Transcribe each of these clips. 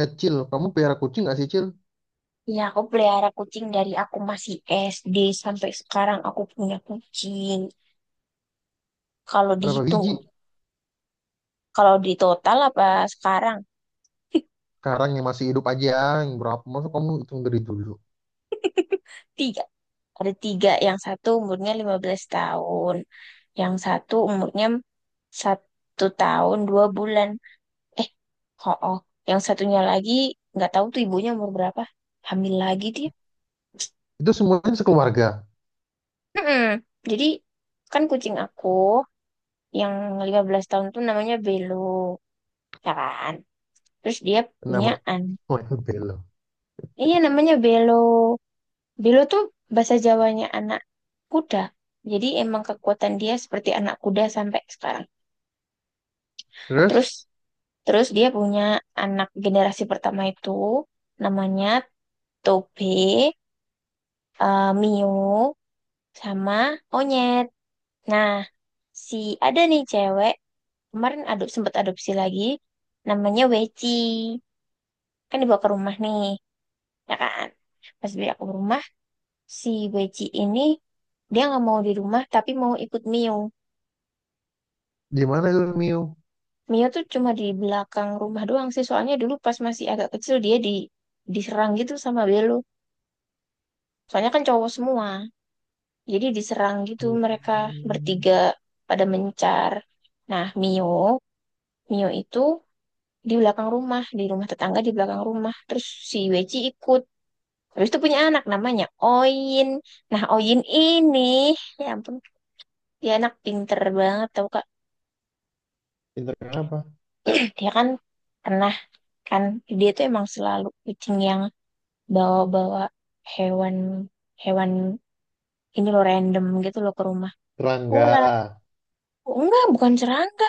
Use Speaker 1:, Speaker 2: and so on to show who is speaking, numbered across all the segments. Speaker 1: Eh, Cil, kamu pelihara kucing nggak sih, Cil?
Speaker 2: Iya, aku pelihara kucing dari aku masih SD sampai sekarang aku punya kucing. Kalau
Speaker 1: Berapa
Speaker 2: dihitung,
Speaker 1: biji?
Speaker 2: kalau di total apa sekarang?
Speaker 1: Sekarang yang masih hidup aja, yang berapa? Masa kamu hitung dari dulu?
Speaker 2: Tiga. Ada tiga. Yang satu umurnya 15 tahun. Yang satu umurnya 1 tahun 2 bulan. Eh, oh, oh. Yang satunya lagi nggak tahu tuh ibunya umur berapa. Hamil lagi dia.
Speaker 1: Itu semuanya sekeluarga.
Speaker 2: Mm-mm. Jadi kan kucing aku yang 15 tahun tuh namanya Belo, ya kan? Terus dia punya
Speaker 1: Kenapa?
Speaker 2: anak.
Speaker 1: Oh, itu belo.
Speaker 2: Iya namanya Belo. Belo tuh bahasa Jawanya anak kuda. Jadi emang kekuatan dia seperti anak kuda sampai sekarang. Terus
Speaker 1: Terus,
Speaker 2: terus dia punya anak generasi pertama itu namanya Tobe, eh, Mio, sama Onyet. Nah, si ada nih cewek kemarin sempat adopsi lagi namanya Weci. Kan dibawa ke rumah nih, ya kan? Pas beli aku ke rumah si Weji ini dia nggak mau di rumah tapi mau ikut Mio.
Speaker 1: gimana itu, Mio?
Speaker 2: Mio tuh cuma di belakang rumah doang sih. Soalnya dulu pas masih agak kecil dia diserang gitu sama Belo. Soalnya kan cowok semua. Jadi diserang gitu mereka
Speaker 1: Hmm.
Speaker 2: bertiga pada mencar. Nah, Mio, Mio itu di belakang rumah, di rumah tetangga di belakang rumah. Terus si Weji ikut. Habis itu punya anak namanya Oin. Nah, Oin ini, ya ampun, dia anak pinter banget tau, Kak.
Speaker 1: Pinter kenapa?
Speaker 2: Dia kan pernah kan dia tuh emang selalu kucing yang bawa-bawa hewan, hewan ini loh random gitu loh ke rumah.
Speaker 1: Serangga.
Speaker 2: Ular. Oh, enggak, bukan serangga.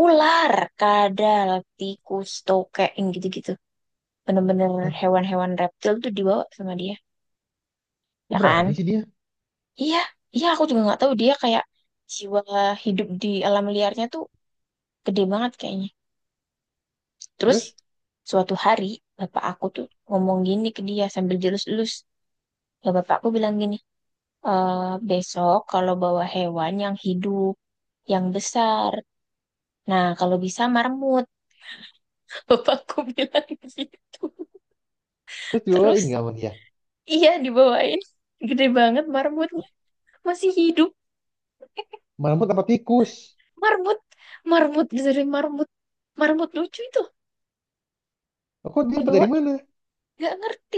Speaker 2: Ular, kadal, tikus, tokek, yang gitu-gitu, bener-bener
Speaker 1: Hah,
Speaker 2: hewan-hewan reptil tuh dibawa sama dia,
Speaker 1: kok
Speaker 2: ya kan?
Speaker 1: berani sih dia?
Speaker 2: Iya, iya, aku juga nggak tahu, dia kayak jiwa hidup di alam liarnya tuh gede banget kayaknya. Terus
Speaker 1: Terus?
Speaker 2: suatu hari bapak aku tuh ngomong gini ke dia sambil jelus-jelus. Ya bapakku bilang gini, "Eh, besok kalau bawa hewan yang hidup, yang besar. Nah, kalau bisa marmut." Bapakku bilang gitu.
Speaker 1: Terus dibawain
Speaker 2: Terus,
Speaker 1: nggak sama dia?
Speaker 2: iya dibawain. Gede banget marmutnya. Masih hidup.
Speaker 1: Malamut apa tikus?
Speaker 2: Marmut. Marmut. Dari marmut. Marmut lucu itu.
Speaker 1: Loh, kok dia dapat dari
Speaker 2: Dibawain.
Speaker 1: mana?
Speaker 2: Nggak ngerti.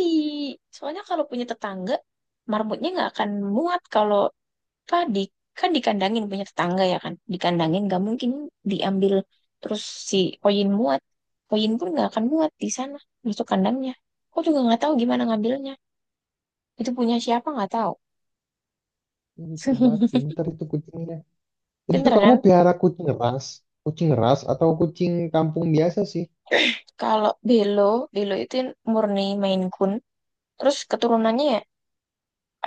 Speaker 2: Soalnya kalau punya tetangga, marmutnya nggak akan muat kalau apa di, kan dikandangin punya tetangga, ya kan, dikandangin, nggak mungkin diambil. Terus si koin muat, koin pun nggak akan muat di sana masuk kandangnya. Aku juga nggak tahu gimana ngambilnya, itu punya siapa nggak tahu.
Speaker 1: Lucu banget, pinter itu kucingnya. Itu
Speaker 2: Pinter
Speaker 1: kamu
Speaker 2: kan.
Speaker 1: piara kucing ras? Kucing ras atau kucing kampung biasa sih?
Speaker 2: Kalau Belo, Belo itu murni Maine Coon. Terus keturunannya ya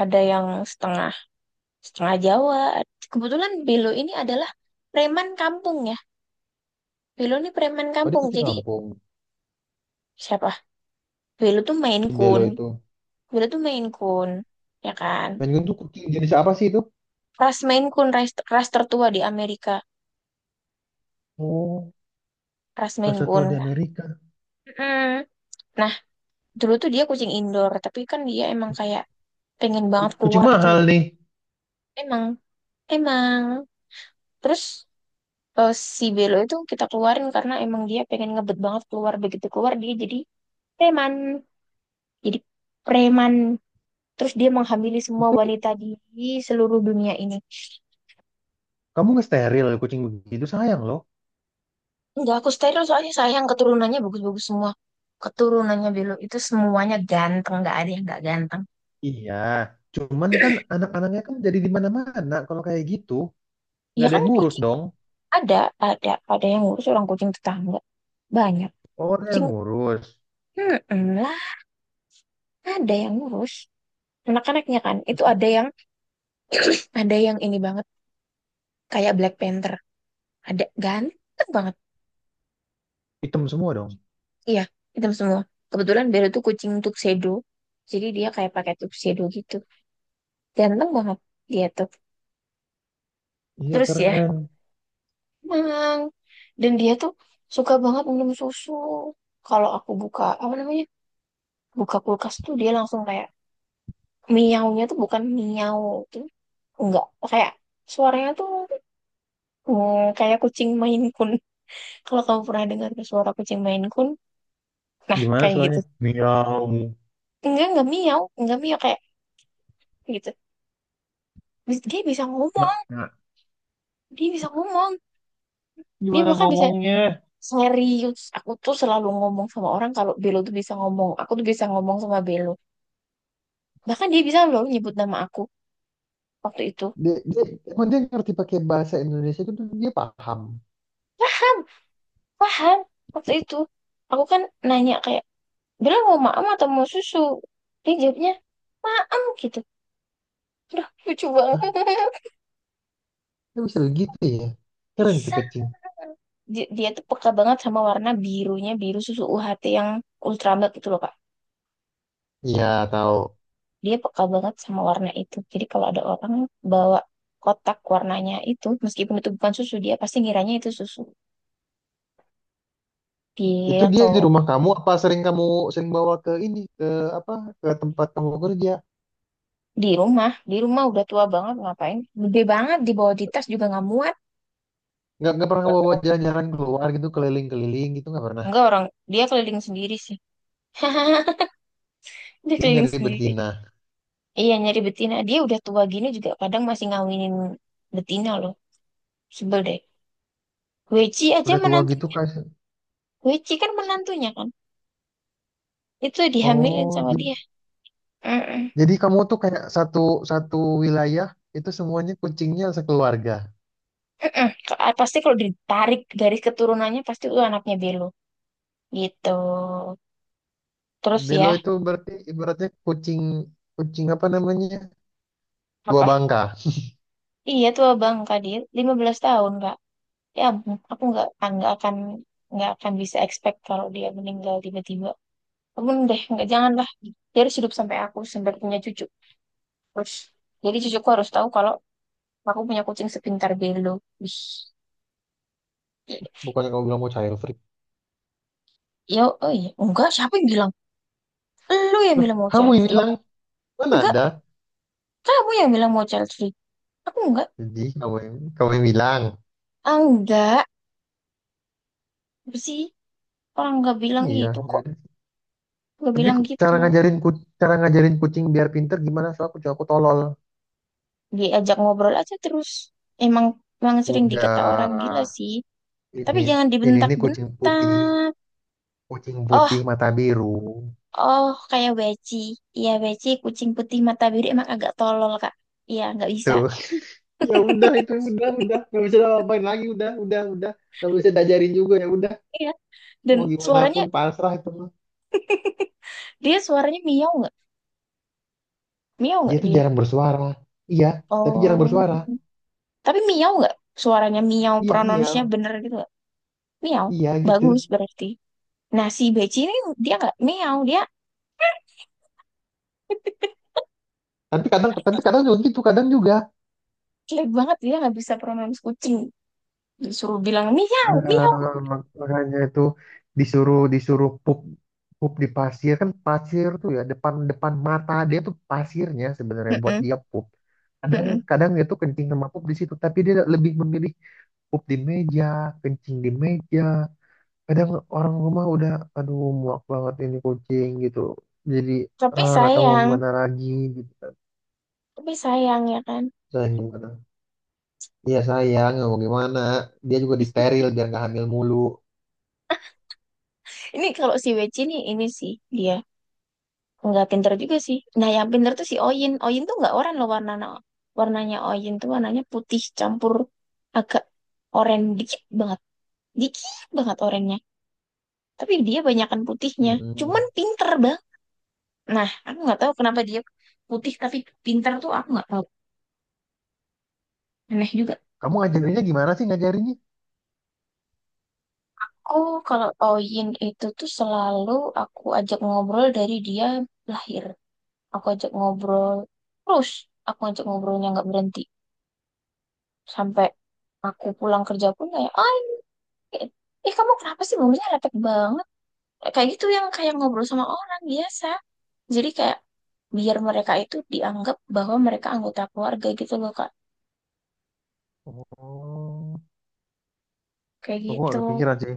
Speaker 2: ada yang setengah, setengah Jawa. Kebetulan Belo ini adalah preman kampung, ya. Belo ini preman
Speaker 1: Oh, dia
Speaker 2: kampung
Speaker 1: kucing
Speaker 2: jadi
Speaker 1: kampung.
Speaker 2: siapa, Belo tuh Maine
Speaker 1: Si
Speaker 2: Coon.
Speaker 1: Belo itu.
Speaker 2: Dulu tuh Maine Coon, ya kan?
Speaker 1: Maine Coon tuh kucing jenis apa sih itu?
Speaker 2: Ras Maine Coon, ras, ras tertua di Amerika.
Speaker 1: Oh,
Speaker 2: Ras Maine
Speaker 1: rasa tua di
Speaker 2: Coon.
Speaker 1: Amerika.
Speaker 2: Mm. Nah, dulu tuh dia kucing indoor, tapi kan dia emang kayak pengen banget
Speaker 1: Kucing
Speaker 2: keluar gitu loh.
Speaker 1: mahal nih.
Speaker 2: Emang, emang. Terus eh, Si Belo itu kita keluarin karena emang dia pengen ngebet banget keluar. Begitu keluar dia jadi preman. Jadi preman. Terus dia menghamili semua
Speaker 1: Itu
Speaker 2: wanita di seluruh dunia ini.
Speaker 1: kamu ngesteril kucing begitu sayang loh.
Speaker 2: Enggak, aku steril soalnya sayang, keturunannya bagus-bagus semua. Keturunannya Belo itu semuanya ganteng, nggak ada yang nggak ganteng.
Speaker 1: Iya, cuman kan anak-anaknya kan jadi di mana-mana kalau kayak gitu. Nggak
Speaker 2: Ya
Speaker 1: ada
Speaker 2: kan
Speaker 1: yang ngurus
Speaker 2: kucing
Speaker 1: dong.
Speaker 2: ada, ada, ada yang ngurus, orang kucing tetangga. Banyak.
Speaker 1: Oh, ada
Speaker 2: Kucing,
Speaker 1: yang ngurus.
Speaker 2: hmm, lah, ada yang ngurus. Anak-anaknya kan, itu
Speaker 1: Tapi
Speaker 2: ada yang ini banget, kayak Black Panther. Ada, ganteng banget.
Speaker 1: hitam semua dong.
Speaker 2: Iya, hitam semua. Kebetulan Belo tuh kucing tuxedo. Jadi dia kayak pakai tuxedo gitu. Ganteng banget dia tuh.
Speaker 1: Iya,
Speaker 2: Terus ya,
Speaker 1: keren.
Speaker 2: emang. Dan dia tuh suka banget minum susu. Kalau aku buka, apa namanya? Buka kulkas tuh dia langsung kayak miaunya tuh bukan miau tuh. Enggak, kayak suaranya tuh, mm, kayak kucing Maine Coon. Kalau kamu pernah dengar suara kucing Maine Coon, nah
Speaker 1: Gimana
Speaker 2: kayak gitu.
Speaker 1: soalnya? Miau.
Speaker 2: Enggak miau kayak gitu. Dia bisa ngomong,
Speaker 1: Mak, mak.
Speaker 2: dia bisa ngomong. Dia
Speaker 1: Gimana
Speaker 2: bahkan bisa
Speaker 1: ngomongnya?
Speaker 2: serius. Aku tuh selalu ngomong sama orang kalau Belo tuh bisa ngomong. Aku tuh bisa ngomong sama Belo. Bahkan dia bisa loh nyebut nama aku. Waktu itu
Speaker 1: Dia, dia, Emang dia ngerti pakai bahasa Indonesia itu tuh dia paham.
Speaker 2: paham, paham. Waktu itu aku kan nanya kayak, "Bella mau maem atau mau susu?" Dia jawabnya maem gitu. Udah lucu banget.
Speaker 1: Dia bisa begitu ya. Keren tuh
Speaker 2: Bisa
Speaker 1: kucing.
Speaker 2: dia, dia tuh peka banget sama warna birunya, biru susu UHT yang ultra milk itu loh kak.
Speaker 1: Iya, tahu.
Speaker 2: Dia peka banget sama warna itu, jadi kalau ada orang bawa kotak warnanya itu meskipun itu bukan susu dia pasti ngiranya itu susu.
Speaker 1: Itu
Speaker 2: Dia
Speaker 1: dia di
Speaker 2: atau
Speaker 1: rumah kamu apa sering kamu sering bawa ke ini ke apa ke tempat kamu kerja?
Speaker 2: di rumah, di rumah udah tua banget ngapain, gede banget dibawa di tas juga nggak muat.
Speaker 1: Nggak pernah kamu bawa jalan-jalan keluar gitu keliling-keliling gitu nggak pernah.
Speaker 2: Enggak, orang dia keliling sendiri sih. Dia
Speaker 1: Dia
Speaker 2: keliling
Speaker 1: nyari
Speaker 2: sendiri.
Speaker 1: betina.
Speaker 2: Iya nyari betina. Dia udah tua gini juga kadang masih ngawinin betina loh. Sebel deh. Weci aja
Speaker 1: Udah tua gitu
Speaker 2: menantunya.
Speaker 1: kayak
Speaker 2: Weci kan menantunya kan. Itu dihamilin
Speaker 1: oh
Speaker 2: sama
Speaker 1: j-
Speaker 2: dia. Mm-mm.
Speaker 1: jadi kamu tuh kayak satu satu wilayah itu semuanya kucingnya sekeluarga.
Speaker 2: Mm-mm. Pasti kalau ditarik garis keturunannya pasti itu anaknya Belo. Gitu. Terus
Speaker 1: Belo
Speaker 2: ya
Speaker 1: itu berarti ibaratnya kucing kucing apa namanya? Dua
Speaker 2: apa?
Speaker 1: bangka.
Speaker 2: Iya, tua bang Kadir 15 tahun Kak. Ya ampun, aku nggak ah, nggak akan bisa expect kalau dia meninggal tiba-tiba. Belum deh, nggak, janganlah. Dia harus hidup sampai aku sampai punya cucu. Terus jadi cucuku harus tahu kalau aku punya kucing sepintar Belo. Wih, i-
Speaker 1: Bukannya kamu bilang mau child free.
Speaker 2: ya, oh iya, enggak, siapa yang bilang? Lu yang
Speaker 1: Lah,
Speaker 2: bilang mau
Speaker 1: kamu
Speaker 2: child
Speaker 1: yang
Speaker 2: free,
Speaker 1: bilang, mana
Speaker 2: enggak,
Speaker 1: ada?
Speaker 2: kamu yang bilang mau child free, aku enggak.
Speaker 1: Jadi kamu yang bilang.
Speaker 2: Ah, enggak, apa sih, orang enggak bilang
Speaker 1: Iya.
Speaker 2: itu kok. Enggak
Speaker 1: Tapi
Speaker 2: bilang gitu.
Speaker 1: cara ngajarin ku, cara ngajarin kucing biar pinter gimana? Soalnya kucing aku tolol.
Speaker 2: Diajak ngobrol aja terus, emang, emang sering
Speaker 1: Udah,
Speaker 2: dikata orang gila sih, tapi
Speaker 1: ini
Speaker 2: jangan
Speaker 1: ini
Speaker 2: dibentak-bentak.
Speaker 1: kucing putih mata biru.
Speaker 2: Oh, kayak Weci. Iya, Weci, kucing putih mata biru emang agak tolol, Kak. Iya, nggak bisa.
Speaker 1: Tuh. Ya udah itu udah nggak bisa ngapain lagi, udah nggak bisa diajarin juga ya udah,
Speaker 2: Iya. Dan
Speaker 1: mau gimana
Speaker 2: suaranya,
Speaker 1: pun pasrah itu mah.
Speaker 2: dia suaranya miau nggak? Miau
Speaker 1: Dia
Speaker 2: nggak
Speaker 1: tuh
Speaker 2: dia?
Speaker 1: jarang bersuara. Iya, tapi jarang
Speaker 2: Oh.
Speaker 1: bersuara.
Speaker 2: Tapi miau nggak? Suaranya miau,
Speaker 1: Iya,
Speaker 2: pronounce-nya
Speaker 1: iya.
Speaker 2: bener gitu nggak? Miau.
Speaker 1: Iya gitu.
Speaker 2: Bagus berarti. Nah, si beci ini dia nggak miau. Dia
Speaker 1: Tapi kadang, tapi kadang juga gitu, kadang juga.
Speaker 2: jelek banget. Dia nggak bisa pronounce kucing. Disuruh bilang miau,
Speaker 1: Eh,
Speaker 2: miau.
Speaker 1: Makanya itu, disuruh disuruh pup, pup di pasir, kan pasir tuh ya depan depan mata dia tuh pasirnya sebenarnya buat
Speaker 2: Mm-mm,
Speaker 1: dia pup, kadang
Speaker 2: mm-mm.
Speaker 1: kadang dia tuh kencing sama pup di situ, tapi dia lebih memilih pup di meja, kencing di meja. Kadang orang rumah udah, aduh muak banget ini kucing gitu, jadi
Speaker 2: Tapi
Speaker 1: ah nggak tahu mau
Speaker 2: sayang.
Speaker 1: gimana lagi gitu kan,
Speaker 2: Tapi sayang ya kan.
Speaker 1: saya gimana, iya sayang nggak mau gimana, dia juga disteril biar nggak hamil mulu.
Speaker 2: Ini kalau si Weci ini sih. Dia nggak pinter juga sih. Nah, yang pinter tuh si Oyin. Oyin tuh nggak oranye loh warnanya. Warnanya Oyin tuh warnanya putih campur agak oranye dikit banget. Dikit banget oranye. Tapi dia banyakan putihnya. Cuman
Speaker 1: Mm-mm.
Speaker 2: pinter bang. Nah, aku nggak tahu kenapa dia putih tapi pinter tuh aku nggak tahu. Aneh juga.
Speaker 1: Kamu ngajarinnya gimana sih ngajarinnya?
Speaker 2: Oh, kalau Oyin itu tuh selalu aku ajak ngobrol dari dia lahir. Aku ajak ngobrol terus. Aku ajak ngobrolnya nggak berhenti. Sampai aku pulang kerja pun kayak, eh, eh, kamu kenapa sih bumbunya lepek banget? Kayak gitu, yang kayak ngobrol sama orang biasa. Jadi kayak biar mereka itu dianggap bahwa mereka anggota keluarga gitu loh, Kak.
Speaker 1: Oh,
Speaker 2: Kayak
Speaker 1: aku
Speaker 2: gitu.
Speaker 1: gak kepikiran sih.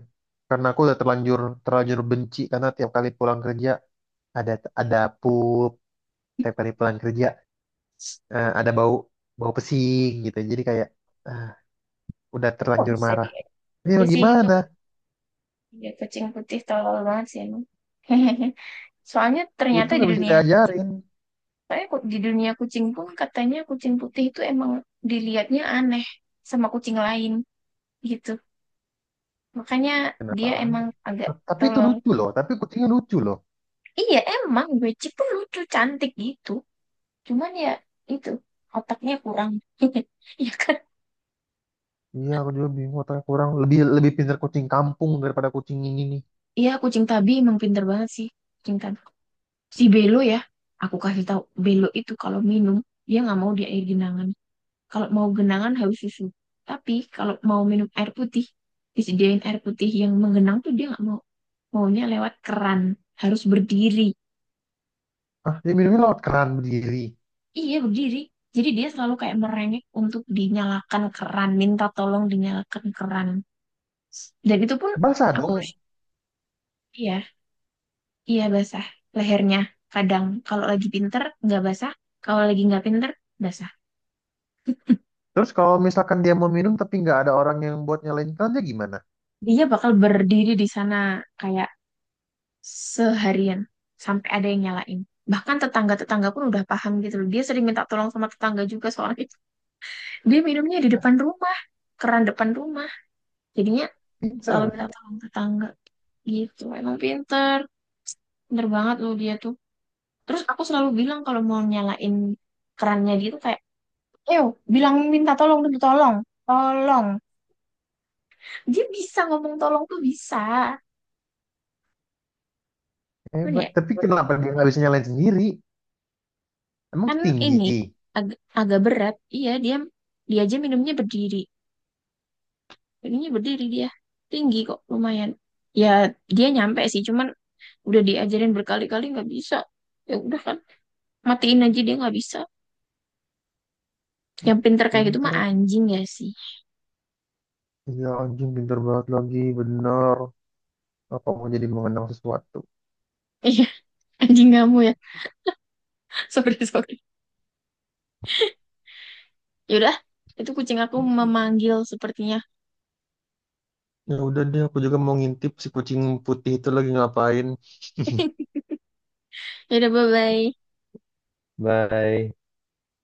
Speaker 1: Karena aku udah terlanjur, terlanjur benci karena tiap kali pulang kerja ada ada pup, tiap kali pulang kerja eh, ada bau, bau pesing gitu. Jadi kayak ah, udah
Speaker 2: Oh,
Speaker 1: terlanjur
Speaker 2: bisa
Speaker 1: marah.
Speaker 2: dia.
Speaker 1: Ini
Speaker 2: Ya
Speaker 1: mau
Speaker 2: sih itu
Speaker 1: gimana?
Speaker 2: ya, kucing putih tolol banget sih emang. Soalnya
Speaker 1: Itu
Speaker 2: ternyata di
Speaker 1: nggak bisa
Speaker 2: dunia kucing,
Speaker 1: diajarin.
Speaker 2: di dunia kucing pun katanya kucing putih itu emang dilihatnya aneh sama kucing lain gitu. Makanya
Speaker 1: Kenapa
Speaker 2: dia emang
Speaker 1: aneh?
Speaker 2: agak
Speaker 1: Nah, tapi itu
Speaker 2: tolol.
Speaker 1: lucu loh. Tapi kucingnya lucu loh.
Speaker 2: Iya, emang Wecik tuh lucu, cantik gitu. Cuman ya itu, otaknya kurang. Iya kan?
Speaker 1: Iya, aku juga bingung. Otaknya kurang, lebih lebih pintar kucing kampung daripada kucing ini nih.
Speaker 2: Iya, kucing tabi emang pinter banget sih. Kucing tabi. Si Belo ya, aku kasih tahu Belo itu kalau minum, dia nggak mau di air genangan. Kalau mau genangan harus susu. Tapi kalau mau minum air putih, disediain air putih yang menggenang tuh dia nggak mau. Maunya lewat keran, harus berdiri.
Speaker 1: Ah, dia minumnya lewat keran berdiri.
Speaker 2: Iya, berdiri. Jadi dia selalu kayak merengek untuk dinyalakan keran, minta tolong dinyalakan keran. Dan itu pun
Speaker 1: Basah
Speaker 2: aku
Speaker 1: dong.
Speaker 2: harus, iya, iya basah lehernya. Kadang kalau lagi pinter nggak basah, kalau lagi nggak pinter basah.
Speaker 1: Terus kalau misalkan dia mau minum tapi nggak ada orang yang buat nyalain kan dia gimana?
Speaker 2: Dia bakal berdiri di sana kayak seharian sampai ada yang nyalain. Bahkan tetangga-tetangga pun udah paham gitu loh. Dia sering minta tolong sama tetangga juga soalnya dia minumnya di
Speaker 1: Nah,
Speaker 2: depan rumah, keran depan rumah. Jadinya selalu
Speaker 1: pinter,
Speaker 2: minta tolong tetangga gitu. Emang pinter, pinter banget loh dia tuh. Terus aku selalu bilang kalau mau nyalain kerannya gitu kayak, "Ayo, bilang minta tolong dulu, tolong." Tolong. Dia bisa ngomong tolong tuh bisa. Cuman
Speaker 1: hebat.
Speaker 2: ya,
Speaker 1: Tapi kenapa dia nggak bisa nyalain sendiri? Emang
Speaker 2: kan ini
Speaker 1: tinggi.
Speaker 2: agak berat. Iya, dia dia aja minumnya berdiri. Minumnya berdiri dia. Tinggi kok, lumayan. Ya, dia nyampe sih, cuman udah diajarin berkali-kali nggak bisa. Ya udah kan, matiin aja dia nggak bisa. Yang pinter kayak gitu mah
Speaker 1: Pinter.
Speaker 2: anjing ya sih.
Speaker 1: Iya anjing pinter banget lagi, bener. Apa mau jadi mengenang sesuatu?
Speaker 2: Iya, anjing kamu ya. Sorry, sorry. Yaudah, itu kucing aku memanggil sepertinya.
Speaker 1: Ya udah deh, aku juga mau ngintip si kucing putih itu lagi ngapain.
Speaker 2: Yaudah, bye-bye.